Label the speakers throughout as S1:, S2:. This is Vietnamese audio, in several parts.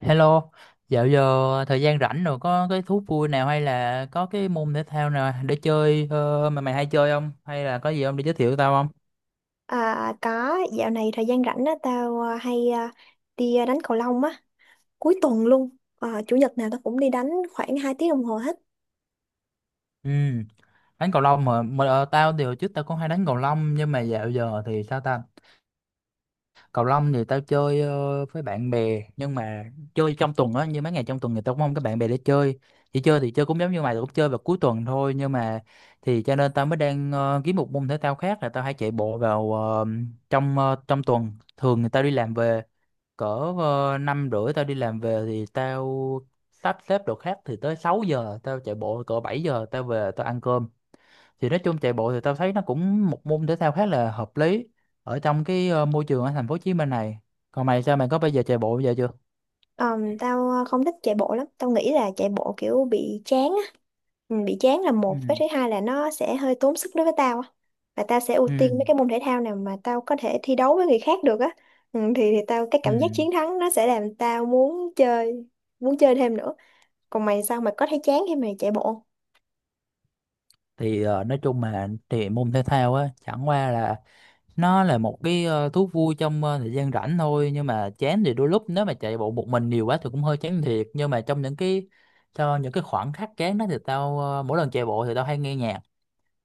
S1: Hello, dạo giờ thời gian rảnh rồi có cái thú vui nào hay là có cái môn thể thao nào để chơi mà mày hay chơi không? Hay là có gì không để giới thiệu tao không?
S2: À, có dạo này thời gian rảnh á tao hay đi đánh cầu lông á cuối tuần luôn. Chủ nhật nào tao cũng đi đánh khoảng 2 tiếng đồng hồ hết.
S1: Ừ, đánh cầu lông mà tao thì hồi trước tao cũng hay đánh cầu lông nhưng mà dạo giờ thì sao ta. Cầu lông thì tao chơi với bạn bè nhưng mà chơi trong tuần á, như mấy ngày trong tuần thì tao cũng không có bạn bè để chơi, chỉ chơi thì chơi cũng giống như mày, tao cũng chơi vào cuối tuần thôi. Nhưng mà thì cho nên tao mới đang kiếm một môn thể thao khác là tao hay chạy bộ vào trong tuần. Thường thì tao đi làm về cỡ 5h30, tao đi làm về thì tao sắp xếp đồ khác thì tới 6 giờ tao chạy bộ, cỡ 7 giờ tao về tao ăn cơm. Thì nói chung chạy bộ thì tao thấy nó cũng một môn thể thao khá là hợp lý ở trong cái môi trường ở thành phố Hồ Chí Minh này. Còn mày sao, mày có bây giờ chạy bộ bây giờ chưa?
S2: Tao không thích chạy bộ lắm, tao nghĩ là chạy bộ kiểu bị chán á, ừ, bị chán là một, với
S1: Ừ.
S2: thứ hai là nó sẽ hơi tốn sức đối với tao á, và tao sẽ ưu
S1: Ừ.
S2: tiên mấy cái môn thể thao nào mà tao có thể thi đấu với người khác được á, ừ, thì tao cái
S1: Ừ,
S2: cảm giác chiến thắng nó sẽ làm tao muốn chơi, muốn chơi thêm nữa. Còn mày sao, mày có thấy chán khi mày chạy bộ?
S1: thì nói chung mà thì môn thể thao á chẳng qua là nó là một cái thú vui trong thời gian rảnh thôi. Nhưng mà chán thì đôi lúc nếu mà chạy bộ một mình nhiều quá thì cũng hơi chán thiệt, nhưng mà trong những cái, khoảng khắc chán đó thì tao mỗi lần chạy bộ thì tao hay nghe nhạc.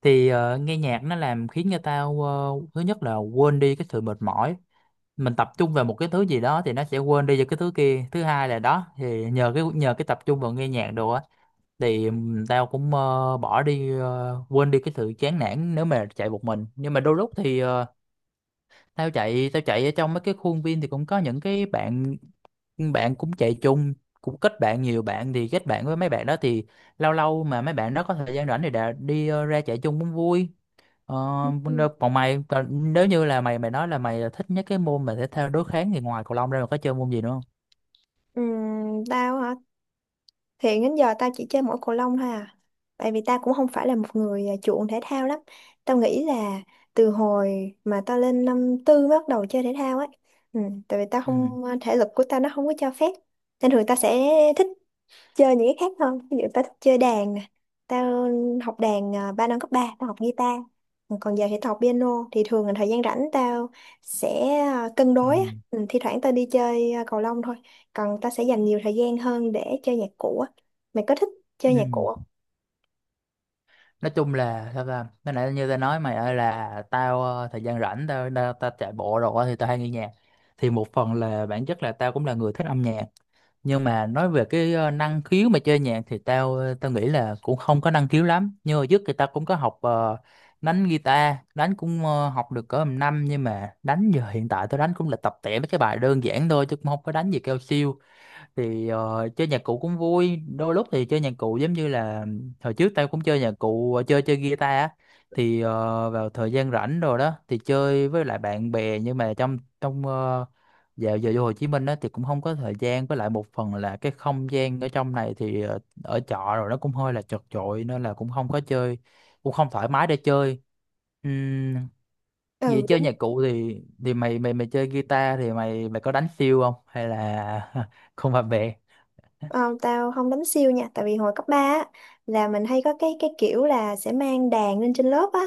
S1: Thì nghe nhạc nó làm khiến người ta thứ nhất là quên đi cái sự mệt mỏi, mình tập trung vào một cái thứ gì đó thì nó sẽ quên đi về cái thứ kia. Thứ hai là đó thì nhờ cái, tập trung vào nghe nhạc đồ á, thì tao cũng bỏ đi quên đi cái sự chán nản nếu mà chạy một mình. Nhưng mà đôi lúc thì tao chạy ở trong mấy cái khuôn viên thì cũng có những cái bạn, cũng chạy chung, cũng kết bạn nhiều bạn, thì kết bạn với mấy bạn đó thì lâu lâu mà mấy bạn đó có thời gian rảnh thì đã đi ra chạy chung cũng vui. Ờ,
S2: Ừ.
S1: Còn mày, còn nếu như là mày, nói là mày thích nhất cái môn mà thể thao đối kháng thì ngoài cầu lông ra mày có chơi môn gì nữa không?
S2: Tao hả? Hiện đến giờ tao chỉ chơi mỗi cầu lông thôi à. Tại vì tao cũng không phải là một người chuộng thể thao lắm. Tao nghĩ là từ hồi mà tao lên năm 4 mới bắt đầu chơi thể thao ấy. Ừ, tại vì tao
S1: Ừ.
S2: không thể lực của tao nó không có cho phép. Nên thường tao sẽ thích chơi những cái khác hơn, ví dụ tao thích chơi đàn nè, tao học đàn 3 năm cấp ba tao học guitar, còn giờ thì tao học piano. Thì thường là thời gian rảnh tao sẽ cân
S1: Ừ.
S2: đối á. Ừ, thi thoảng tao đi chơi cầu lông thôi, còn tao sẽ dành nhiều thời gian hơn để chơi nhạc cụ á. Mày có thích chơi nhạc cụ không?
S1: Ừ. Nói chung là sao ta, cái nãy như tao nói mày ơi là tao thời gian rảnh tao tao, tao chạy bộ rồi á, thì tao hay nghe nhạc. Thì một phần là bản chất là tao cũng là người thích âm nhạc, nhưng mà nói về cái năng khiếu mà chơi nhạc thì tao nghĩ là cũng không có năng khiếu lắm. Nhưng mà trước thì tao cũng có học đánh guitar, đánh cũng học được cỡ một năm, nhưng mà đánh giờ hiện tại tao đánh cũng là tập tẻ mấy cái bài đơn giản thôi chứ cũng không có đánh gì cao siêu. Thì chơi nhạc cụ cũng vui, đôi lúc thì chơi nhạc cụ giống như là hồi trước tao cũng chơi nhạc cụ, chơi chơi guitar á. Thì vào thời gian rảnh rồi đó thì chơi với lại bạn bè, nhưng mà trong trong ờ, dạo giờ vô Hồ Chí Minh đó thì cũng không có thời gian, với lại một phần là cái không gian ở trong này thì ở trọ rồi nó cũng hơi là chật chội nên là cũng không có chơi, cũng không thoải mái để chơi. Ừm, Vậy
S2: Ừ
S1: chơi
S2: đúng.
S1: nhạc cụ thì mày mày mày chơi guitar thì mày mày có đánh siêu không hay là không hợp bè.
S2: Ờ, tao không đánh siêu nha, tại vì hồi cấp 3 á, là mình hay có cái kiểu là sẽ mang đàn lên trên lớp á,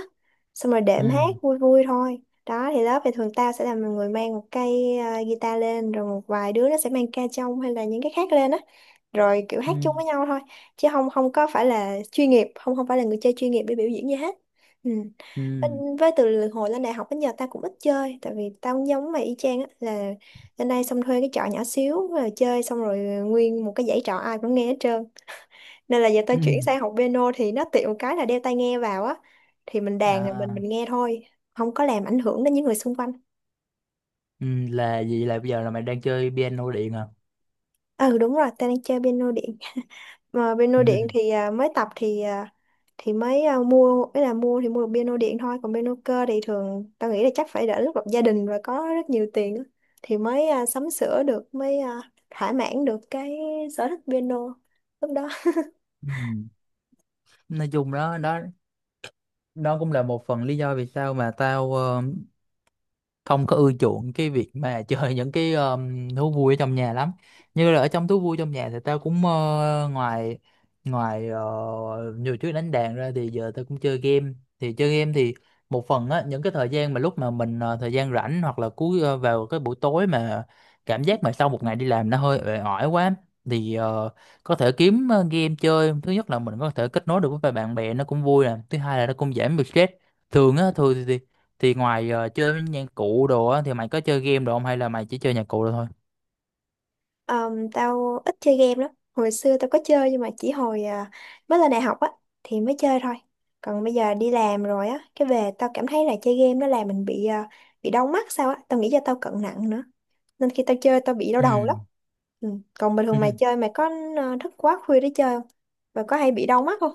S2: xong rồi
S1: Ừ.
S2: đệm hát vui vui thôi. Đó thì lớp thì thường tao sẽ là người mang một cây guitar lên, rồi một vài đứa nó sẽ mang ca trong hay là những cái khác lên á, rồi kiểu
S1: Ừ.
S2: hát chung với nhau thôi, chứ không không có phải là chuyên nghiệp, không không phải là người chơi chuyên nghiệp để biểu diễn gì hết. Ừ.
S1: Ừ.
S2: Bên- với từ hồi lên đại học đến giờ tao cũng ít chơi, tại vì tao cũng giống mày y chang á, là lên đây xong thuê cái trọ nhỏ xíu rồi chơi, xong rồi nguyên một cái dãy trọ ai cũng nghe hết trơn, nên là giờ tao
S1: Ừ.
S2: chuyển sang học piano thì nó tiện một cái là đeo tai nghe vào á, thì mình đàn rồi mình
S1: À.
S2: mình nghe thôi, không có làm ảnh hưởng đến những người xung quanh.
S1: Ừ. Là gì, là bây giờ là mày đang chơi piano điện à?
S2: Ừ đúng rồi, tao đang chơi piano điện. Mà piano điện
S1: Ừ.
S2: thì mới tập thì thì mới mua ấy, là mua thì mua được piano điện thôi, còn piano cơ thì thường tao nghĩ là chắc phải đợi lúc lập gia đình và có rất nhiều tiền á, thì mới sắm sửa được, mới thỏa mãn được cái sở thích piano lúc đó.
S1: Ừ, nói chung đó, đó cũng là một phần lý do vì sao mà tao không có ưa chuộng cái việc mà chơi những cái thú vui ở trong nhà lắm. Như là ở trong thú vui trong nhà thì tao cũng ngoài, ngoài ờ, nhiều chuyện đánh đàn ra thì giờ tao cũng chơi game. Thì chơi game thì một phần á, những cái thời gian mà lúc mà mình thời gian rảnh hoặc là cuối vào cái buổi tối mà cảm giác mà sau một ngày đi làm nó hơi uể oải quá, thì có thể kiếm game chơi, thứ nhất là mình có thể kết nối được với bạn bè nó cũng vui nè, thứ hai là nó cũng giảm được stress. Thường á thường thì ngoài chơi với nhạc cụ đồ á thì mày có chơi game đồ không hay là mày chỉ chơi nhạc cụ đồ thôi?
S2: Tao ít chơi game lắm. Hồi xưa tao có chơi nhưng mà chỉ hồi mới lên đại học á thì mới chơi thôi. Còn bây giờ đi làm rồi á, cái về tao cảm thấy là chơi game nó làm mình bị bị đau mắt sao á. Tao nghĩ do tao cận nặng nữa. Nên khi tao chơi tao bị đau đầu lắm. Ừ. Còn bình
S1: Ừ.
S2: thường mày chơi mày có thức quá khuya để chơi không? Và có hay bị đau mắt không?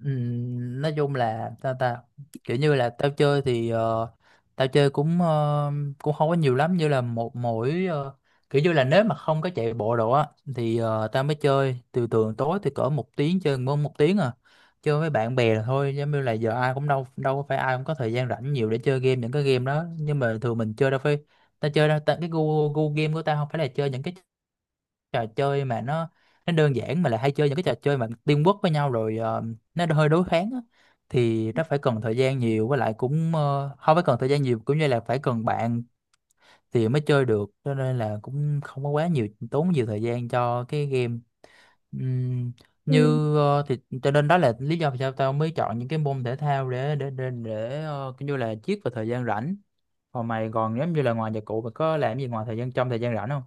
S1: Nói chung là tao ta, kiểu như là tao chơi thì tao chơi cũng cũng không có nhiều lắm, như là một mỗi kiểu như là nếu mà không có chạy bộ đồ á thì tao mới chơi từ thường tối thì cỡ một tiếng chơi, mỗi một tiếng à, chơi với bạn bè là thôi. Giống như là giờ ai cũng đâu, đâu có phải ai cũng có thời gian rảnh nhiều để chơi game, những cái game đó nhưng mà thường mình chơi đâu phải, tao chơi đâu ta, cái gu gu game của tao không phải là chơi những cái trò chơi mà nó đơn giản, mà lại hay chơi những cái trò chơi mà teamwork với nhau rồi, nó hơi đối kháng á, thì nó phải cần thời gian nhiều, với lại cũng không phải cần thời gian nhiều cũng như là phải cần bạn thì mới chơi được, cho nên là cũng không có quá nhiều, tốn nhiều thời gian cho cái game. Ừm,
S2: Ừ.
S1: thì cho nên đó là lý do vì sao tao mới chọn những cái môn thể thao để, để kiểu như là chiết vào thời gian rảnh. Còn mày, còn giống như là ngoài nhạc cụ mày có làm gì ngoài thời gian, trong thời gian rảnh không?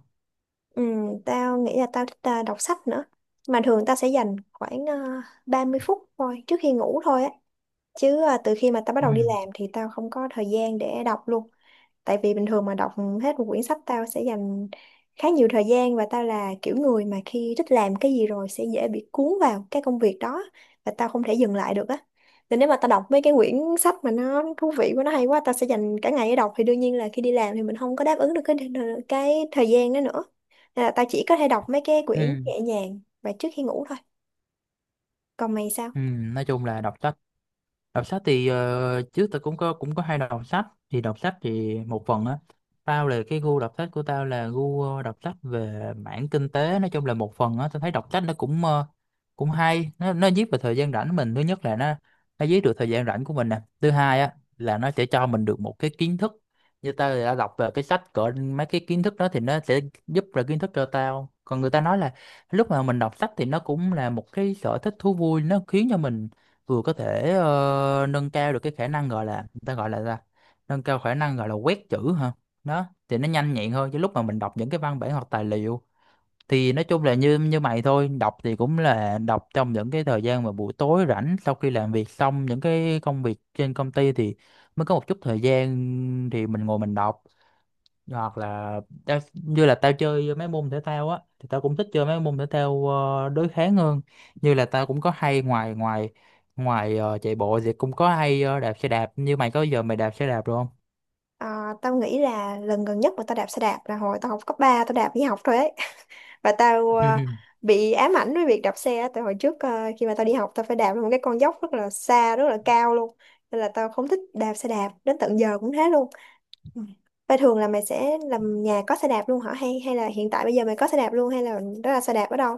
S2: Ừ, tao nghĩ là tao thích đọc sách nữa. Mà thường tao sẽ dành khoảng 30 phút thôi trước khi ngủ thôi á. Chứ từ khi mà tao bắt
S1: Ừ.
S2: đầu đi làm thì tao không có thời gian để đọc luôn, tại vì bình thường mà đọc hết một quyển sách tao sẽ dành khá nhiều thời gian, và tao là kiểu người mà khi thích làm cái gì rồi sẽ dễ bị cuốn vào cái công việc đó và tao không thể dừng lại được á. Nên nếu mà tao đọc mấy cái quyển sách mà nó thú vị quá, nó hay quá, tao sẽ dành cả ngày để đọc, thì đương nhiên là khi đi làm thì mình không có đáp ứng được cái thời gian đó nữa, nên là tao chỉ có thể đọc mấy cái quyển
S1: Ừ.
S2: nhẹ nhàng và trước khi ngủ thôi. Còn mày sao?
S1: Ừ, nói chung là đọc sách. Đọc sách thì trước tôi cũng có, hay đọc sách. Thì đọc sách thì một phần á, tao là cái gu đọc sách của tao là gu đọc sách về mảng kinh tế. Nói chung là một phần á tao thấy đọc sách nó cũng cũng hay, nó giết vào thời gian rảnh mình, thứ nhất là nó giết được thời gian rảnh của mình nè, thứ hai á là nó sẽ cho mình được một cái kiến thức. Như tao thì đã đọc về cái sách cỡ mấy cái kiến thức đó thì nó sẽ giúp là kiến thức cho tao, còn người ta nói là lúc mà mình đọc sách thì nó cũng là một cái sở thích thú vui, nó khiến cho mình vừa có thể nâng cao được cái khả năng gọi là, người ta gọi là ra, nâng cao khả năng gọi là quét chữ hả, đó thì nó nhanh nhẹn hơn chứ lúc mà mình đọc những cái văn bản hoặc tài liệu. Thì nói chung là như như mày thôi, đọc thì cũng là đọc trong những cái thời gian mà buổi tối rảnh sau khi làm việc xong những cái công việc trên công ty thì mới có một chút thời gian thì mình ngồi mình đọc. Hoặc là tao, như là tao chơi mấy môn thể thao á thì tao cũng thích chơi mấy môn thể thao đối kháng hơn, như là tao cũng có hay ngoài, ngoài ngoài ờ, chạy bộ thì cũng có hay đạp xe đạp, như mày có giờ mày đạp xe đạp được không?
S2: À, tao nghĩ là lần gần nhất mà tao đạp xe đạp là hồi tao học cấp ba, tao đạp đi học thôi ấy và tao
S1: Ừ, ừ.
S2: bị ám ảnh với việc đạp xe á. Tại hồi trước khi mà tao đi học tao phải đạp lên một cái con dốc rất là xa, rất là cao luôn, nên là tao không thích đạp xe đạp đến tận giờ cũng thế luôn. Ừ. Vậy thường là mày sẽ làm nhà có xe đạp luôn hả, hay hay là hiện tại bây giờ mày có xe đạp luôn, hay là đó là xe đạp ở đâu?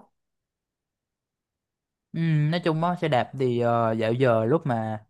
S1: Ừ, nói chung á xe đạp thì dạo giờ lúc mà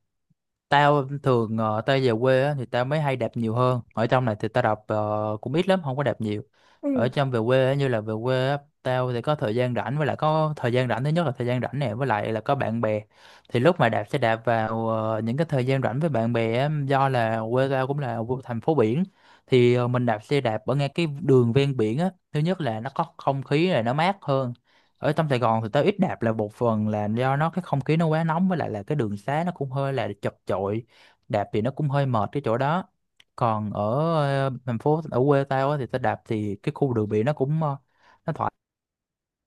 S1: tao thường tao về quê á, thì tao mới hay đạp nhiều hơn ở trong này thì tao đạp cũng ít lắm, không có đạp nhiều ở trong về quê á, như là về quê á, tao thì có thời gian rảnh với lại có thời gian rảnh thứ nhất là thời gian rảnh nè với lại là có bạn bè thì lúc mà đạp sẽ đạp vào những cái thời gian rảnh với bạn bè á, do là quê tao cũng là thành phố biển. Thì mình đạp xe đạp ở ngay cái đường ven biển á, thứ nhất là nó có không khí là nó mát hơn. Ở trong Sài Gòn thì tao ít đạp là một phần là do nó cái không khí nó quá nóng với lại là cái đường xá nó cũng hơi là chật chội, đạp thì nó cũng hơi mệt cái chỗ đó. Còn ở thành phố ở quê tao á, thì tao đạp thì cái khu đường biển nó cũng nó thoải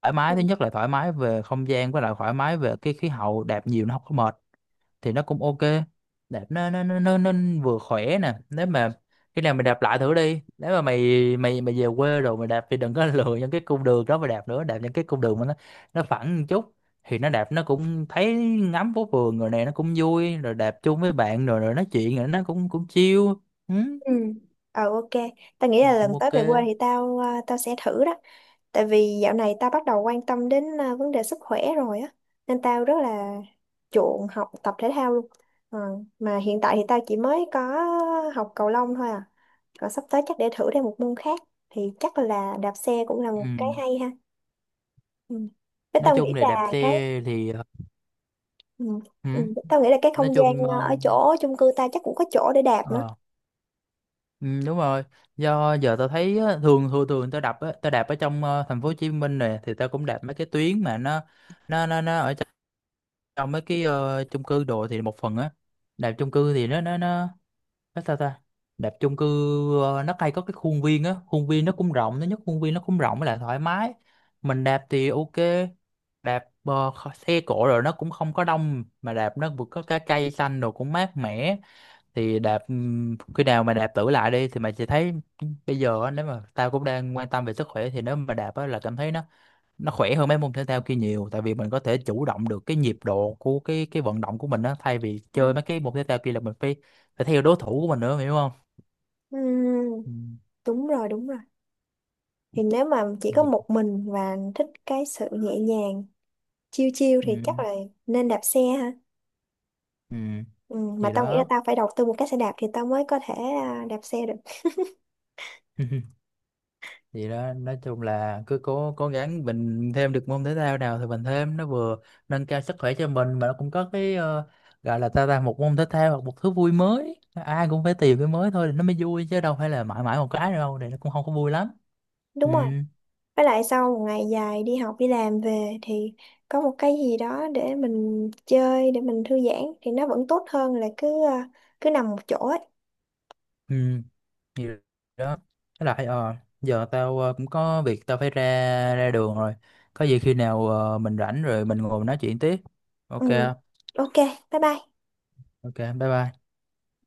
S1: thoải mái,
S2: Ừ.
S1: thứ nhất là thoải mái về không gian với lại thoải mái về cái khí hậu, đạp nhiều nó không có mệt thì nó cũng ok. Đạp nó vừa khỏe nè, nếu mà khi nào mày đạp lại thử đi, nếu mà mày mày mày về quê rồi mày đạp thì đừng có lựa những cái cung đường đó mà đạp nữa, đạp những cái cung đường mà nó phẳng một chút thì nó đạp nó cũng thấy ngắm phố phường rồi nè, nó cũng vui rồi, đạp chung với bạn rồi rồi nói chuyện rồi nó cũng cũng chill. Ừ,
S2: Ừ. Ờ ok, tao nghĩ là
S1: cũng
S2: lần tới
S1: ok.
S2: về quê thì tao tao sẽ thử đó. Tại vì dạo này tao bắt đầu quan tâm đến vấn đề sức khỏe rồi á, nên tao rất là chuộng học tập thể thao luôn. Ờ, mà hiện tại thì tao chỉ mới có học cầu lông thôi à. Còn sắp tới chắc để thử thêm một môn khác, thì chắc là đạp xe cũng là một
S1: Ừ,
S2: cái hay ha. Ừ. Với
S1: nói
S2: tao nghĩ
S1: chung là đạp
S2: là cái
S1: xe thì
S2: ừ.
S1: ừ,
S2: Ừ. Tao nghĩ là cái
S1: nói
S2: không gian
S1: chung
S2: ở chỗ chung cư ta chắc cũng có chỗ để đạp nữa.
S1: ờ, ừ, đúng rồi. Do giờ tao thấy á, thường thường thường tao đạp á, tao đạp ở trong thành phố Hồ Chí Minh này thì tao cũng đạp mấy cái tuyến mà nó ở trong trong mấy cái chung cư đồ thì một phần á, đạp chung cư thì nó nó sao ta, đạp chung cư nó hay có cái khuôn viên á, khuôn viên nó cũng rộng, nó nhất khuôn viên nó cũng rộng với lại thoải mái, mình đạp thì ok. Đạp xe cộ rồi nó cũng không có đông mà đạp nó vừa có cái cây xanh đồ cũng mát mẻ, thì đạp khi nào mà đạp thử lại đi thì mày sẽ thấy. Bây giờ á, nếu mà tao cũng đang quan tâm về sức khỏe thì nếu mà đạp á là cảm thấy nó khỏe hơn mấy môn thể thao kia nhiều, tại vì mình có thể chủ động được cái nhịp độ của cái vận động của mình á, thay vì
S2: Ừ,
S1: chơi mấy cái môn thể thao kia là mình phải phải theo đối thủ của mình nữa, mày hiểu không?
S2: Ừ,
S1: Ừ.
S2: đúng rồi, đúng rồi. Thì nếu mà chỉ có
S1: nhịp-
S2: một mình và thích cái sự nhẹ nhàng, chill chill
S1: ừ.
S2: thì chắc là nên đạp xe ha.
S1: Ừ.
S2: Ừ, mà
S1: Gì
S2: tao nghĩ là
S1: đó.
S2: tao phải đầu tư một cái xe đạp thì tao mới có thể đạp xe được.
S1: Vậy đó, nói chung là cứ cố cố gắng mình thêm được môn thể thao nào thì mình thêm, nó vừa nâng cao sức khỏe cho mình mà nó cũng có cái gọi là ta ta một môn thể thao hoặc một thứ vui mới, ai cũng phải tìm cái mới thôi thì nó mới vui, chứ đâu phải là mãi mãi một cái đâu thì nó cũng không có vui lắm.
S2: Đúng
S1: Ừ.
S2: rồi, với lại sau một ngày dài đi học đi làm về thì có một cái gì đó để mình chơi, để mình thư giãn thì nó vẫn tốt hơn là cứ cứ nằm một chỗ ấy.
S1: Ừ thì đó. Với lại giờ tao cũng có việc tao phải ra ra đường rồi, có gì khi nào mình rảnh rồi mình ngồi mình nói chuyện tiếp, ok
S2: Ừ.
S1: không?
S2: Ok, bye bye.
S1: Ok, bye bye.